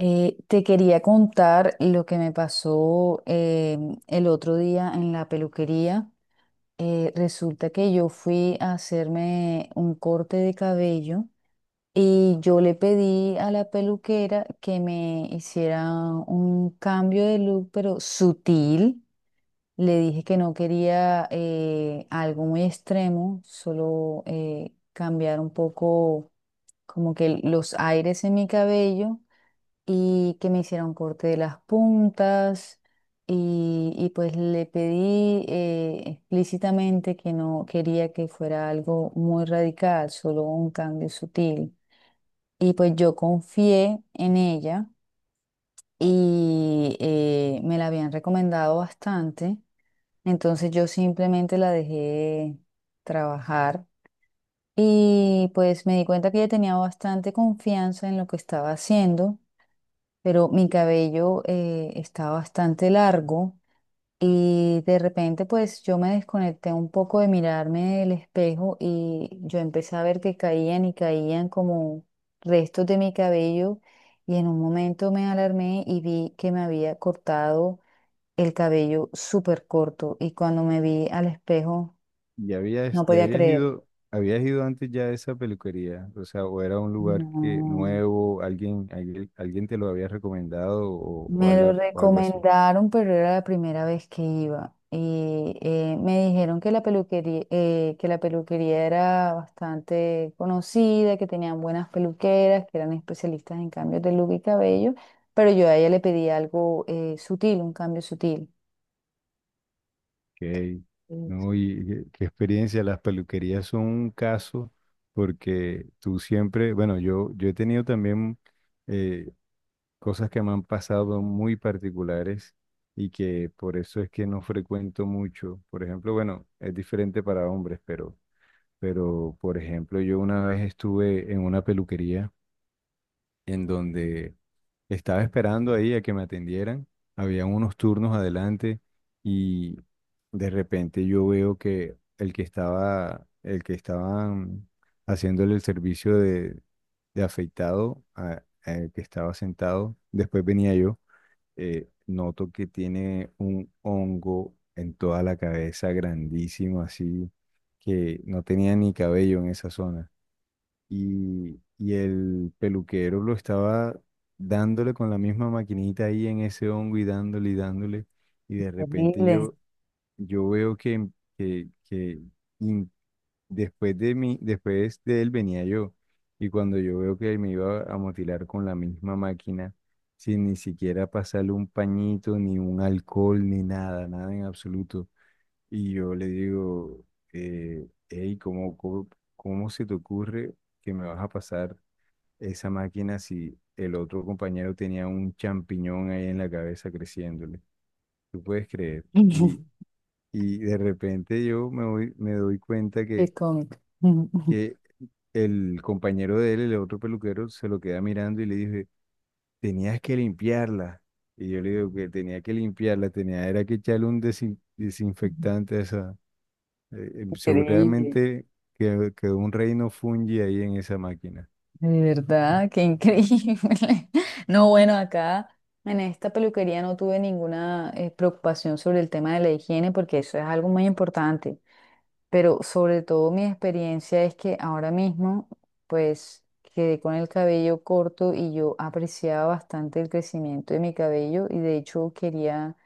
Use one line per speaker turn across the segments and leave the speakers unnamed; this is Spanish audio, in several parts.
Te quería contar lo que me pasó el otro día en la peluquería. Resulta que yo fui a hacerme un corte de cabello y yo le pedí a la peluquera que me hiciera un cambio de look, pero sutil. Le dije que no quería algo muy extremo, solo cambiar un poco como que los aires en mi cabello y que me hicieron corte de las puntas y pues le pedí explícitamente que no quería que fuera algo muy radical, solo un cambio sutil. Y pues yo confié en ella y me la habían recomendado bastante. Entonces yo simplemente la dejé trabajar y pues me di cuenta que ella tenía bastante confianza en lo que estaba haciendo, pero mi cabello está bastante largo y de repente pues yo me desconecté un poco de mirarme el espejo y yo empecé a ver que caían y caían como restos de mi cabello y en un momento me alarmé y vi que me había cortado el cabello súper corto y cuando me vi al espejo
Ya habías,
no
ya
podía
habías
creer.
ido, habías ido antes ya a esa peluquería, o sea, o era un lugar que
No.
nuevo, alguien te lo había recomendado o
Me lo
algo, o algo así.
recomendaron, pero era la primera vez que iba. Y me dijeron que la peluquería, era bastante conocida, que tenían buenas peluqueras, que eran especialistas en cambios de look y cabello, pero yo a ella le pedí algo sutil, un cambio sutil.
Ok,
Es.
no, y qué experiencia, las peluquerías son un caso porque tú siempre, bueno, yo he tenido también eh, cosas que me han pasado muy particulares y que por eso es que no frecuento mucho. Por ejemplo, bueno, es diferente para hombres, pero, por ejemplo, yo una vez estuve en una peluquería en donde estaba esperando ahí a que me atendieran. Había unos turnos adelante y de repente yo veo que el que estaban haciéndole el servicio de afeitado al que estaba sentado, después venía yo. Noto que tiene un hongo en toda la cabeza grandísimo, así que no tenía ni cabello en esa zona. Y el peluquero lo estaba dándole con la misma maquinita ahí en ese hongo y dándole y dándole. Y de repente
Terrible.
yo veo que después de mí, después de él venía yo. Y cuando yo veo que me iba a mutilar con la misma máquina, sin ni siquiera pasarle un pañito, ni un alcohol, ni nada, nada en absoluto. Y yo le digo, hey, cómo se te ocurre que me vas a pasar esa máquina si el otro compañero tenía un champiñón ahí en la cabeza creciéndole? ¿Tú puedes creer? Y, y de repente me doy cuenta
Qué
que
cómico.
que el compañero de él, el otro peluquero, se lo queda mirando y le dice, tenías que limpiarla. Y yo le digo que tenía que limpiarla, tenía era que echarle un desinfectante a esa.
Increíble.
Seguramente quedó un reino fungi ahí en esa máquina.
De verdad, qué increíble. No, bueno, acá en esta peluquería no tuve ninguna preocupación sobre el tema de la higiene porque eso es algo muy importante, pero sobre todo mi experiencia es que ahora mismo, pues quedé con el cabello corto y yo apreciaba bastante el crecimiento de mi cabello y de hecho quería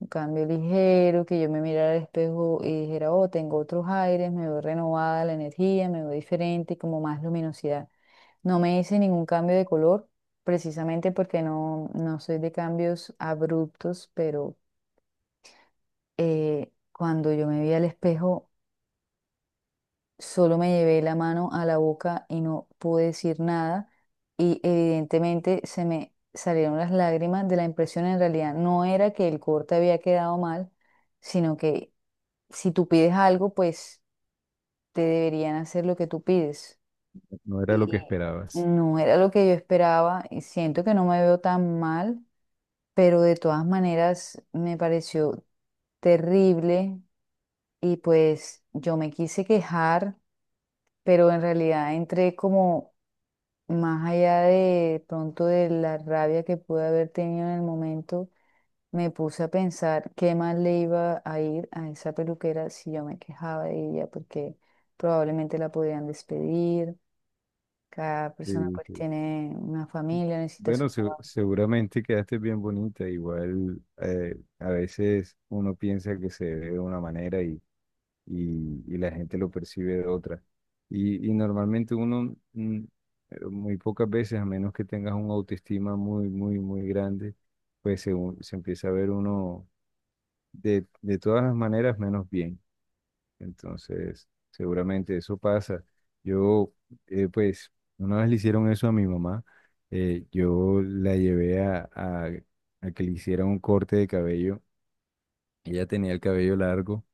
un cambio ligero, que yo me mirara al espejo y dijera, oh, tengo otros aires, me veo renovada la energía, me veo diferente y como más luminosidad. No me hice ningún cambio de color, precisamente porque no, no soy de cambios abruptos, pero cuando yo me vi al espejo solo me llevé la mano a la boca y no pude decir nada y evidentemente se me salieron las lágrimas de la impresión. En realidad no era que el corte había quedado mal, sino que si tú pides algo, pues te deberían hacer lo que tú pides.
No era lo
Y
que esperabas.
no era lo que yo esperaba y siento que no me veo tan mal, pero de todas maneras me pareció terrible y pues yo me quise quejar, pero en realidad entré como más allá de pronto de la rabia que pude haber tenido en el momento, me puse a pensar qué más le iba a ir a esa peluquera si yo me quejaba de ella, porque probablemente la podían despedir, cada persona
Sí,
pues
sí.
tiene una familia, necesita su
Bueno,
trabajo.
seguramente quedaste bien bonita. Igual a veces uno piensa que se ve de una manera y y la gente lo percibe de otra. Y normalmente uno, pero muy pocas veces, a menos que tengas un autoestima muy, muy, muy grande, pues se empieza a ver uno de todas las maneras menos bien. Entonces, seguramente eso pasa. Yo, pues, una vez le hicieron eso a mi mamá. Yo la llevé a que le hiciera un corte de cabello. Ella tenía el cabello largo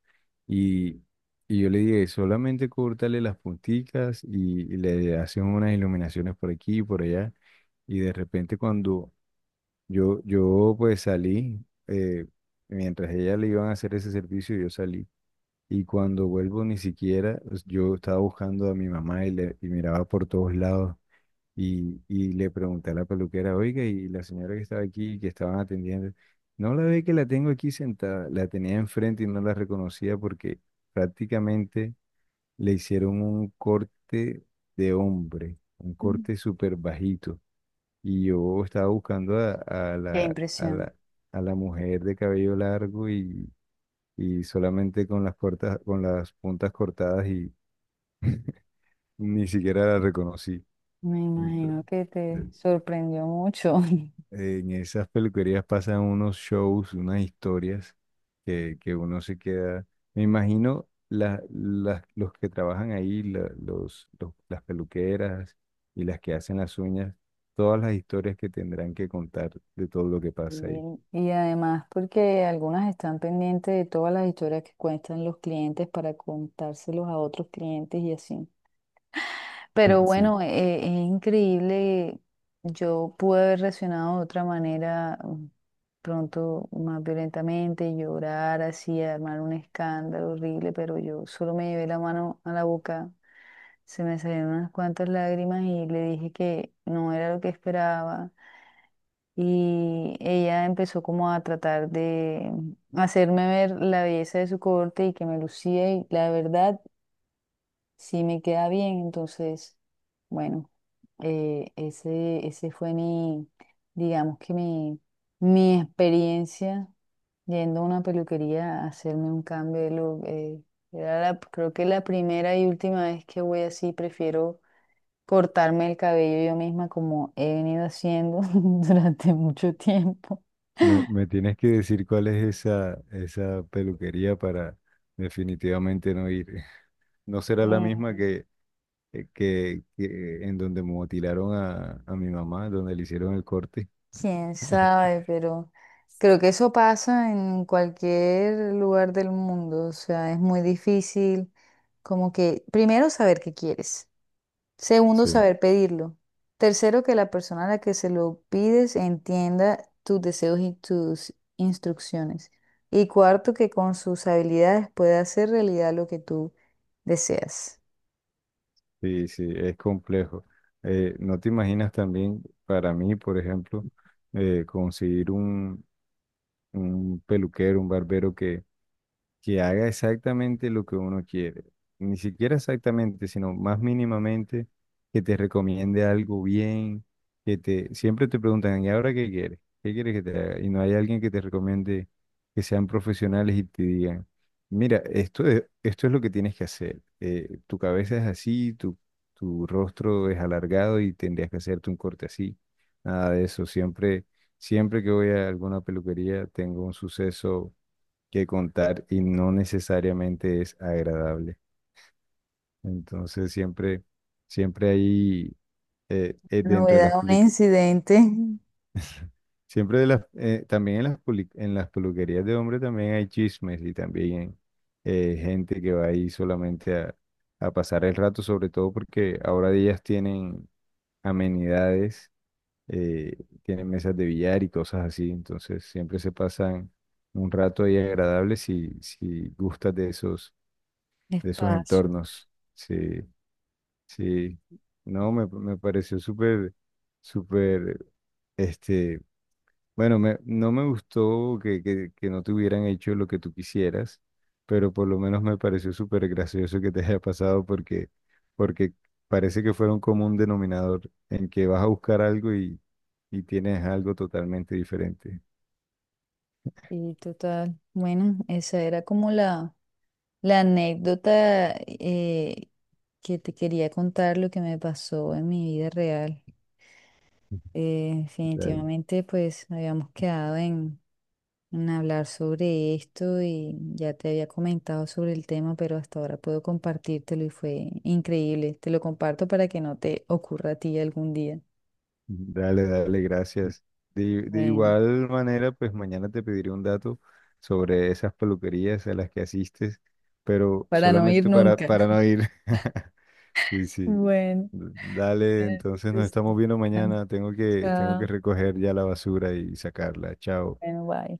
y, y yo le dije, solamente córtale las punticas y le haces unas iluminaciones por aquí y por allá. Y de repente cuando yo pues salí, eh, mientras ella le iban a hacer ese servicio, yo salí. Y cuando vuelvo ni siquiera, pues, yo estaba buscando a mi mamá y miraba por todos lados. Y le pregunté a la peluquera, oiga, y la señora que estaba aquí, que estaban atendiendo, no la ve que la tengo aquí sentada, la tenía enfrente y no la reconocía porque prácticamente le hicieron un corte de hombre, un
Mm.
corte súper bajito. Y yo estaba buscando
Qué impresión.
a la mujer de cabello largo y solamente con las cortas, con las puntas cortadas y ni siquiera la reconocí.
Me
Entonces,
imagino que te sorprendió mucho.
en esas peluquerías pasan unos shows, unas historias que uno se queda. Me imagino los que trabajan ahí, las peluqueras y las que hacen las uñas, todas las historias que tendrán que contar de todo lo que pasa ahí.
Y, y además porque algunas están pendientes de todas las historias que cuentan los clientes para contárselos a otros clientes y así. Pero
Sí,
bueno, es increíble. Yo pude haber reaccionado de otra manera, pronto más violentamente, llorar así, armar un escándalo horrible, pero yo solo me llevé la mano a la boca, se me salieron unas cuantas lágrimas y le dije que no era lo que esperaba. Y ella empezó como a tratar de hacerme ver la belleza de su corte y que me lucía y la verdad sí me queda bien, entonces, bueno, ese fue mi, digamos que mi experiencia yendo a una peluquería a hacerme un cambio de look. Era la, creo que la primera y última vez que voy así, prefiero cortarme el cabello yo misma como he venido haciendo durante mucho tiempo.
me tienes que decir cuál es esa peluquería para definitivamente no ir. No será la misma que en donde mutilaron a mi mamá, donde le hicieron el corte.
Quién sabe, pero creo que eso pasa en cualquier lugar del mundo. O sea, es muy difícil como que, primero, saber qué quieres. Segundo,
Sí,
saber pedirlo. Tercero, que la persona a la que se lo pides entienda tus deseos y tus instrucciones. Y cuarto, que con sus habilidades pueda hacer realidad lo que tú deseas.
sí, sí, es complejo. No te imaginas también, para mí, por ejemplo, conseguir un peluquero, un barbero que haga exactamente lo que uno quiere. Ni siquiera exactamente, sino más mínimamente, que te recomiende algo bien, que te, siempre te preguntan, ¿y ahora qué quieres? ¿Qué quieres que te haga? Y no hay alguien que te recomiende que sean profesionales y te digan, mira, esto es lo que tienes que hacer. Tu cabeza es así, tu rostro es alargado y tendrías que hacerte un corte así. Nada de eso. Siempre, siempre que voy a alguna peluquería, tengo un suceso que contar y no necesariamente es agradable. Entonces siempre, siempre hay dentro de las
Novedad, un
public-
incidente.
siempre de las también en las en las peluquerías de hombre también hay chismes y también gente que va ahí solamente a pasar el rato, sobre todo porque ahora ellas tienen amenidades, eh, tienen mesas de billar y cosas así, entonces siempre se pasan un rato ahí agradable si, si gustas de esos entornos.
Espacios.
Sí, sí. No, me pareció súper, súper, este, bueno, no me gustó que no te hubieran hecho lo que tú quisieras, pero por lo menos me pareció súper gracioso que te haya pasado porque, porque parece que fuera un común denominador en que vas a buscar algo y tienes algo totalmente diferente.
Y total. Bueno, esa era como la la anécdota que te quería contar, lo que me pasó en mi vida real. Definitivamente pues habíamos quedado en hablar sobre esto y ya te había comentado sobre el tema, pero hasta ahora puedo compartírtelo y fue increíble. Te lo comparto para que no te ocurra a ti algún día.
Dale, dale, gracias. De
Bueno,
igual manera, pues mañana te pediré un dato sobre esas peluquerías a las que asistes, pero
para no ir
solamente
nunca.
para no ir. Sí, sí.
Bueno,
Dale,
bueno,
entonces nos estamos
listo.
viendo mañana. Tengo que
Chao.
recoger ya la basura y sacarla. Chao.
Bueno, bye.